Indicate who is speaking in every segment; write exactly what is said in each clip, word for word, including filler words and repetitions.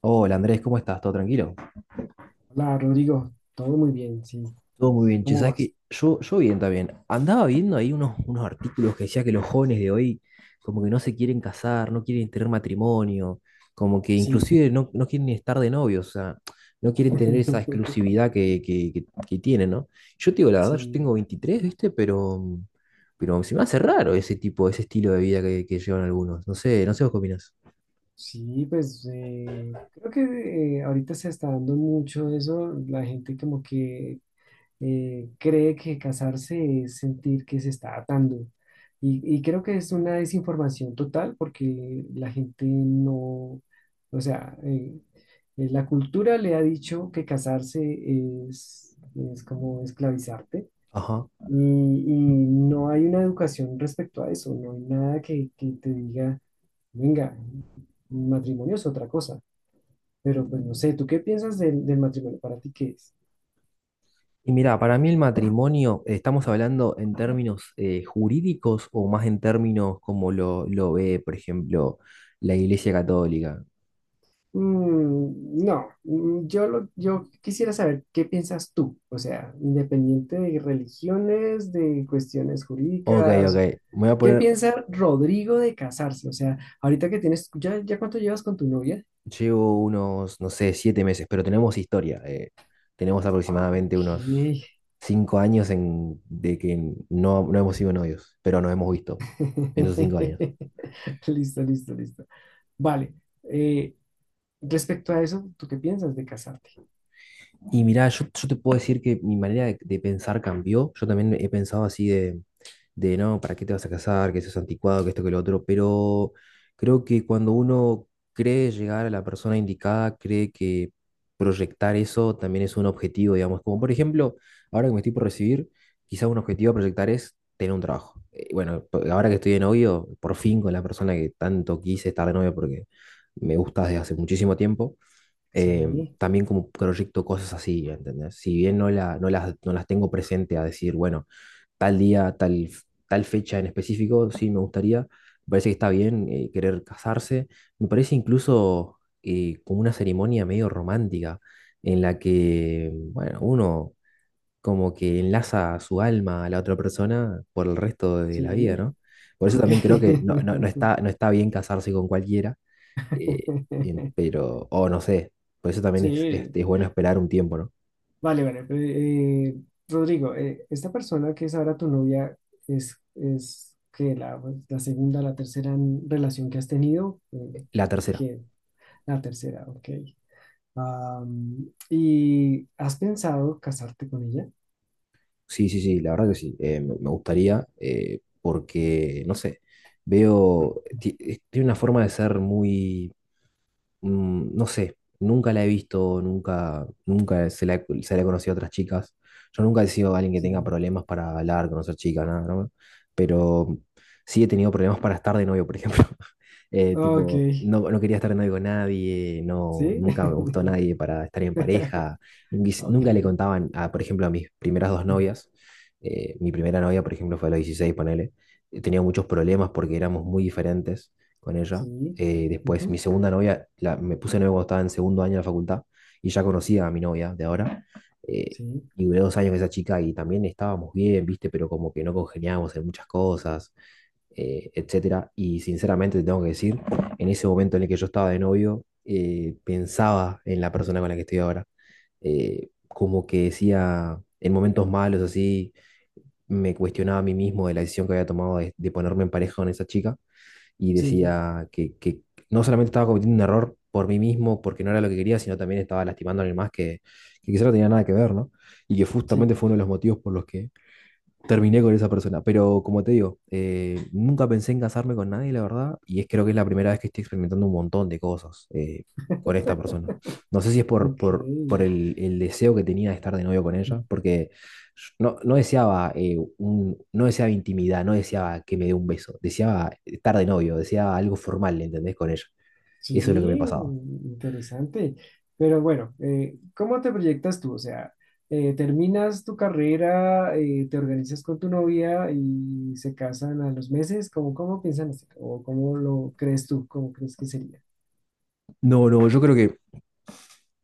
Speaker 1: Hola Andrés, ¿cómo estás? ¿Todo tranquilo?
Speaker 2: Hola Rodrigo, todo muy bien, sí.
Speaker 1: Todo muy bien. Che,
Speaker 2: ¿Cómo
Speaker 1: sabes
Speaker 2: vas?
Speaker 1: que yo, yo bien también. Andaba viendo ahí unos, unos artículos que decía que los jóvenes de hoy como que no se quieren casar, no quieren tener matrimonio, como que
Speaker 2: Sí,
Speaker 1: inclusive no, no quieren ni estar de novios, o sea, no quieren tener esa exclusividad que, que, que- que tienen, ¿no? Yo te digo la verdad, yo
Speaker 2: sí,
Speaker 1: tengo veintitrés, ¿viste? Pero, pero se me hace raro ese tipo, ese estilo de vida que, que llevan algunos. No sé, no sé vos qué opinás.
Speaker 2: sí, pues eh, creo que eh, ahorita se está dando mucho eso, la gente como que eh, cree que casarse es sentir que se está atando y, y creo que es una desinformación total porque la gente no, o sea, eh, eh, la cultura le ha dicho que casarse es, es como esclavizarte.
Speaker 1: Ajá.
Speaker 2: Y, y no hay una educación respecto a eso, no hay nada que, que te diga, venga, matrimonio es otra cosa, pero pues no sé, ¿tú qué piensas del, del matrimonio? ¿Para ti qué es?
Speaker 1: Y mira, para mí el matrimonio, eh, ¿estamos hablando en términos eh, jurídicos o más en términos como lo, lo ve, por ejemplo, la Iglesia Católica?
Speaker 2: Mm, no, mm, yo, lo, yo quisiera saber qué piensas tú, o sea, independiente de religiones, de cuestiones
Speaker 1: Ok, ok,
Speaker 2: jurídicas,
Speaker 1: me voy a
Speaker 2: ¿qué
Speaker 1: poner,
Speaker 2: piensa Rodrigo de casarse? O sea, ahorita que tienes, ¿ya, ya cuánto llevas con tu novia?
Speaker 1: llevo unos, no sé, siete meses, pero tenemos historia. Eh, tenemos
Speaker 2: Ah,
Speaker 1: aproximadamente
Speaker 2: ok.
Speaker 1: unos cinco años en, de que no, no hemos sido novios, pero nos hemos visto en esos cinco años.
Speaker 2: Listo, listo, listo. Vale. eh, Respecto a eso, ¿tú qué piensas de casarte?
Speaker 1: Y mirá, yo, yo te puedo decir que mi manera de, de pensar cambió. Yo también he pensado así de, de, no, ¿para qué te vas a casar? Que eso es anticuado, que esto, que lo otro. Pero creo que cuando uno cree llegar a la persona indicada, cree que proyectar eso también es un objetivo, digamos. Como por ejemplo, ahora que me estoy por recibir, quizás un objetivo a proyectar es tener un trabajo. Eh, Bueno, po- ahora que estoy de novio, por fin con la persona que tanto quise estar de novio porque me gusta desde hace muchísimo tiempo, eh,
Speaker 2: Sí,
Speaker 1: también como proyecto cosas así, ¿entendés? Si bien no, la, no, las, no las tengo presente a decir, bueno, tal día, tal, f- tal fecha en específico, sí me gustaría, me parece que está bien, eh, querer casarse, me parece incluso, eh, como una ceremonia medio romántica en la que, bueno, uno como que enlaza su alma a la otra persona por el resto de la vida,
Speaker 2: sí.
Speaker 1: ¿no? Por eso
Speaker 2: Ok.
Speaker 1: también creo que no, no, no está, no está bien casarse con cualquiera, eh, en- pero, o no sé, por eso también es,
Speaker 2: Sí,
Speaker 1: este, es bueno esperar un tiempo, ¿no?
Speaker 2: vale, vale. Pero, eh, Rodrigo, eh, esta persona que es ahora tu novia es, es que la, la segunda, la tercera relación que has tenido,
Speaker 1: La tercera,
Speaker 2: que la tercera, ok. Am, ¿y has pensado casarte con ella?
Speaker 1: sí, sí, sí, la verdad que sí, eh, me me gustaría, eh, porque, no sé, veo, ti- eh, tiene una forma de ser muy, mm, no sé, nunca la he visto, nunca, nunca se la, he- se la he conocido a otras chicas. Yo nunca he sido alguien que
Speaker 2: Sí.
Speaker 1: tenga problemas para hablar, conocer chicas, nada, ¿no? Pero sí he tenido problemas para estar de novio, por ejemplo. Eh,
Speaker 2: Ok,
Speaker 1: tipo, no, no quería estar de novio con nadie, no,
Speaker 2: sí.
Speaker 1: nunca me gustó nadie para estar en pareja. Nunca, hice-
Speaker 2: Ok.
Speaker 1: nunca le contaban, a, por ejemplo, a mis primeras dos novias. Eh, mi primera novia, por ejemplo, fue a los dieciséis ponele. Tenía muchos problemas porque éramos muy diferentes con ella.
Speaker 2: Sí,
Speaker 1: Eh, después, mi
Speaker 2: ujú,
Speaker 1: segunda novia, la- me puse novio cuando estaba en segundo año de la facultad y ya conocía a mi novia de ahora. eh,
Speaker 2: sí,
Speaker 1: y duré dos años con esa chica y también estábamos bien, ¿viste? Pero como que no congeniábamos en muchas cosas, eh, etcétera. Y sinceramente te tengo que decir, en ese momento en el que yo estaba de novio, eh, pensaba en la persona con la que estoy ahora. Eh, como que decía, en momentos malos así, me cuestionaba a mí mismo de la decisión que había tomado de de ponerme en pareja con esa chica y
Speaker 2: sí,
Speaker 1: decía que, que no solamente estaba cometiendo un error por mí mismo, porque no era lo que quería, sino también estaba lastimando a alguien más que, que quizá no tenía nada que ver, ¿no? Y que justamente
Speaker 2: sí,
Speaker 1: fue uno de los motivos por los que terminé con esa persona. Pero como te digo, eh, nunca pensé en casarme con nadie, la verdad, y es creo que es la primera vez que estoy experimentando un montón de cosas, eh, con esta persona. No sé si es por,
Speaker 2: ok,
Speaker 1: por, por el, el deseo que tenía de estar de novio con ella, porque no, no deseaba, eh, un- no deseaba intimidad, no deseaba que me dé un beso, deseaba estar de novio, deseaba algo formal, ¿entendés? Con ella. Eso es lo que me
Speaker 2: sí,
Speaker 1: pasaba.
Speaker 2: mm, interesante. Pero bueno, eh, ¿cómo te proyectas tú? O sea, eh, terminas tu carrera, eh, te organizas con tu novia y se casan a los meses. ¿Cómo, cómo piensan hacer? ¿O cómo lo crees tú? ¿Cómo crees que sería?
Speaker 1: No, no, yo creo que,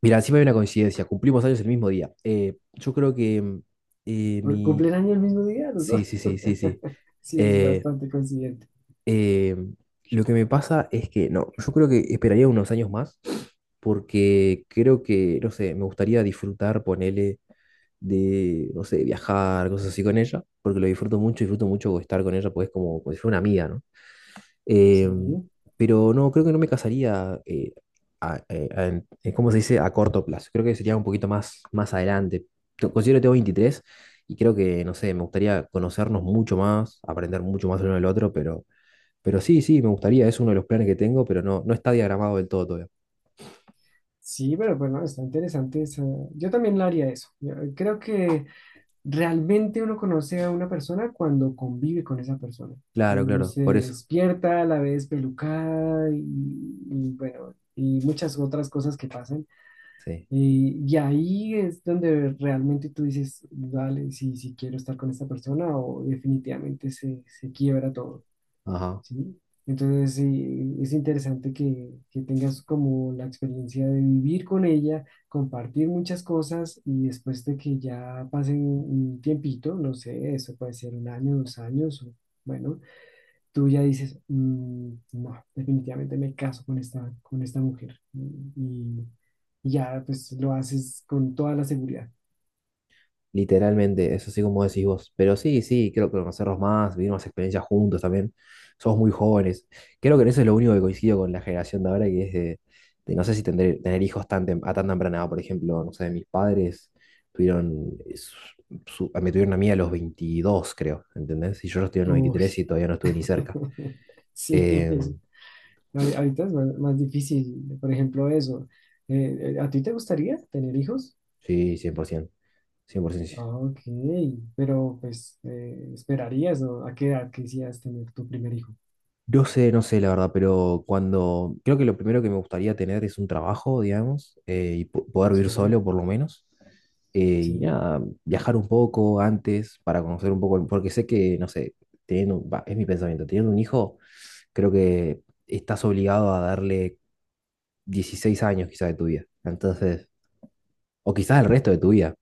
Speaker 1: mira, encima hay una coincidencia, cumplimos años el mismo día. Eh, yo creo que, mm, eh, mi...
Speaker 2: ¿Cumplen año el mismo día los dos?
Speaker 1: Sí, sí, sí, sí, sí.
Speaker 2: Sí, es
Speaker 1: Eh,
Speaker 2: bastante coincidente.
Speaker 1: eh, lo que me pasa es que, no, yo creo que esperaría unos años más, porque creo que, no sé, me gustaría disfrutar, ponele, de, no sé, viajar, cosas así con ella, porque lo disfruto mucho, disfruto mucho estar con ella, pues como, como si fuera una amiga, ¿no?
Speaker 2: Sí,
Speaker 1: Eh, pero no, creo que no me casaría, eh, a- eh, a- en- eh, ¿cómo se dice? A corto plazo. Creo que sería un poquito más, más adelante. Yo considero que tengo veintitrés y creo que, no sé, me gustaría conocernos mucho más, aprender mucho más el uno del otro, pero, pero sí, sí, me gustaría, es uno de los planes que tengo, pero no, no está diagramado del todo todavía.
Speaker 2: sí, pero bueno, está interesante esa- Yo también lo haría eso. Yo creo que... Realmente uno conoce a una persona cuando convive con esa persona,
Speaker 1: Claro,
Speaker 2: cuando
Speaker 1: claro,
Speaker 2: se
Speaker 1: por eso.
Speaker 2: despierta, la ve despelucada y, y bueno, y muchas otras cosas que pasan.
Speaker 1: Sí.
Speaker 2: Y, y ahí es donde realmente tú dices, vale, si, si quiero estar con esta persona o definitivamente se, se quiebra todo.
Speaker 1: Ajá.
Speaker 2: ¿Sí? Entonces, eh, es interesante que, que tengas como la experiencia de vivir con ella, compartir muchas cosas y después de que ya pasen un tiempito, no sé, eso puede ser un año, dos años, o, bueno, tú ya dices, "Mm, no, definitivamente me caso con esta, con esta mujer. Y, y ya, pues lo haces con toda la seguridad.
Speaker 1: Literalmente, eso así como decís vos. Pero sí, sí, creo que conocerlos más, vivir más experiencias juntos también. Somos muy jóvenes. Creo que en eso es lo único que coincido con la generación de ahora, que es de, de no sé si tener, tener hijos tan tem- a tan temprana edad. Por ejemplo, no sé, mis padres tuvieron, es- su- me tuvieron a mí a los veintidós creo, ¿entendés? Y yo los tuve en los
Speaker 2: Uy,
Speaker 1: veintitrés y todavía no estuve ni cerca.
Speaker 2: sí,
Speaker 1: Em,
Speaker 2: es ahori- Ahorita es más, más difícil, por ejemplo, eso. Eh, eh, ¿a ti te gustaría tener hijos?
Speaker 1: sí, cien por cien por ciento.
Speaker 2: Ok, pero pues eh, esperarías o a qué edad quisieras tener tu primer hijo.
Speaker 1: No sé, no sé, la verdad, pero cuando creo que lo primero que me gustaría tener es un trabajo, digamos, eh, y po- poder vivir
Speaker 2: Sí,
Speaker 1: solo por lo menos. Eh, y
Speaker 2: sí.
Speaker 1: nada, viajar un poco antes para conocer un poco, el- porque sé que, no sé, teniendo, va, es mi pensamiento, teniendo un hijo, creo que estás obligado a darle dieciséis años quizás de tu vida. Entonces, o quizás el resto de tu vida,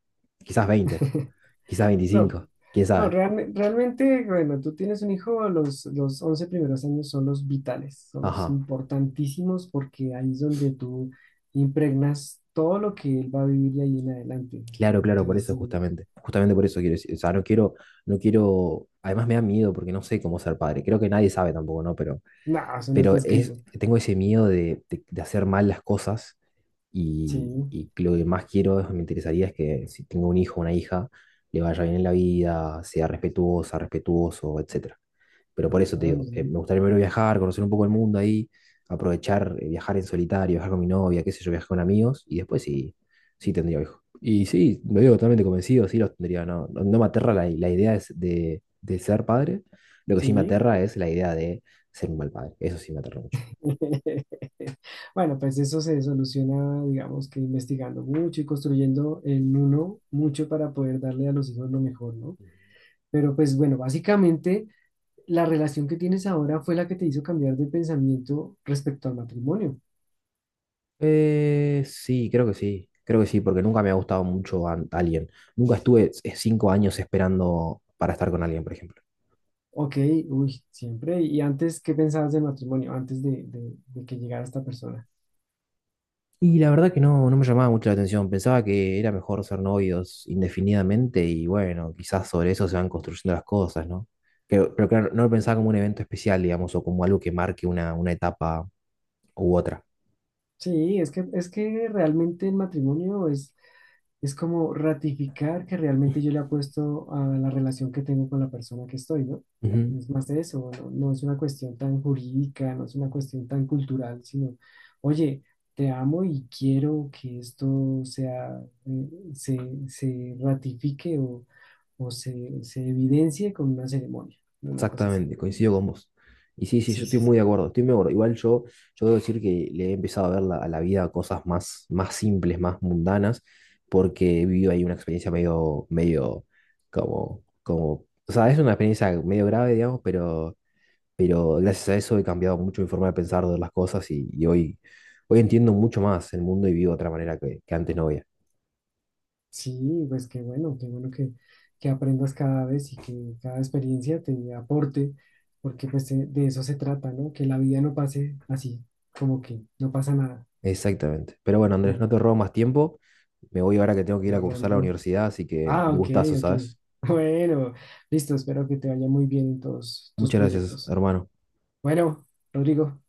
Speaker 1: quizás veinte, quizás
Speaker 2: No,
Speaker 1: veinticinco, quién
Speaker 2: no
Speaker 1: sabe.
Speaker 2: realme- realmente, bueno, tú tienes un hijo, los, los once primeros años son los vitales, son los
Speaker 1: Ajá.
Speaker 2: importantísimos porque ahí es donde tú impregnas todo lo que él va a vivir de ahí en adelante.
Speaker 1: Claro, claro, por
Speaker 2: Entonces,
Speaker 1: eso
Speaker 2: sí,
Speaker 1: justamente. Justamente por eso quiero decir. O sea, no quiero, no quiero. Además me da miedo porque no sé cómo ser padre. Creo que nadie sabe tampoco, ¿no? Pero,
Speaker 2: no, eso no está
Speaker 1: pero es,
Speaker 2: escrito.
Speaker 1: tengo ese miedo de, de- de hacer mal las cosas,
Speaker 2: Sí.
Speaker 1: y, y lo que más quiero, me interesaría es que si tengo un hijo o una hija, le vaya bien en la vida, sea respetuosa, respetuoso, etcétera. Pero por eso te
Speaker 2: Ah,
Speaker 1: digo, eh,
Speaker 2: sí.
Speaker 1: me gustaría primero viajar, conocer un poco el mundo ahí, aprovechar, eh, viajar en solitario, viajar con mi novia, qué sé yo, viajar con amigos, y después sí, sí tendría hijos. Y sí, lo digo totalmente convencido, sí los tendría, no, no, no me aterra la, la idea es de, de ser padre, lo que sí me
Speaker 2: Sí.
Speaker 1: aterra es la idea de ser un mal padre, eso sí me aterra mucho.
Speaker 2: Bueno, pues eso se soluciona, digamos que investigando mucho y construyendo en uno mucho para poder darle a los hijos lo mejor, ¿no? Pero pues bueno, básicamente la relación que tienes ahora fue la que te hizo cambiar de pensamiento respecto al matrimonio.
Speaker 1: Eh, sí, creo que sí, creo que sí, porque nunca me ha gustado mucho an- alguien. Nunca estuve, eh, cinco años esperando para estar con alguien, por ejemplo.
Speaker 2: Ok, uy, siempre. ¿Y antes qué pensabas del matrimonio? Antes de, de de que llegara esta persona.
Speaker 1: Y la verdad que no, no me llamaba mucho la atención. Pensaba que era mejor ser novios indefinidamente y bueno, quizás sobre eso se van construyendo las cosas, ¿no? Pero, pero claro, no lo pensaba como un evento especial, digamos, o como algo que marque una, una etapa u otra.
Speaker 2: Sí, es que, es que realmente el matrimonio es, es como ratificar que realmente yo le apuesto a la relación que tengo con la persona que estoy, ¿no?
Speaker 1: Ujú.
Speaker 2: No es más de eso, no, no es una cuestión tan jurídica, no es una cuestión tan cultural, sino, oye, te amo y quiero que esto sea, eh, se, se ratifique o, o se, se evidencie con una ceremonia, una cosa así.
Speaker 1: Exactamente, coincido con vos. Y sí, sí, yo
Speaker 2: Sí,
Speaker 1: estoy
Speaker 2: sí,
Speaker 1: muy
Speaker 2: sí.
Speaker 1: de acuerdo, estoy muy de acuerdo. Igual yo, yo debo decir que le he empezado a ver la- a la vida cosas más, más simples, más mundanas, porque he vivido ahí una experiencia medio, medio como, como, o sea, es una experiencia medio grave, digamos, pero, pero gracias a eso he cambiado mucho mi forma de pensar de las cosas y, y hoy, hoy entiendo mucho más el mundo y vivo de otra manera que, que antes no veía.
Speaker 2: Sí, pues qué bueno, qué bueno que, que aprendas cada vez y que cada experiencia te aporte, porque pues de, de eso se trata, ¿no? Que la vida no pase así, como que no pasa nada.
Speaker 1: Exactamente. Pero bueno, Andrés, no
Speaker 2: Mm.
Speaker 1: te robo más tiempo. Me voy ahora que tengo que ir a
Speaker 2: Bueno,
Speaker 1: cursar a la
Speaker 2: Rodrigo.
Speaker 1: universidad, así que
Speaker 2: Ah,
Speaker 1: un
Speaker 2: ok,
Speaker 1: gustazo,
Speaker 2: ok.
Speaker 1: ¿sabes?
Speaker 2: Bueno, listo, espero que te vaya muy bien en todos tus
Speaker 1: Muchas gracias,
Speaker 2: proyectos.
Speaker 1: hermano.
Speaker 2: Bueno, Rodrigo,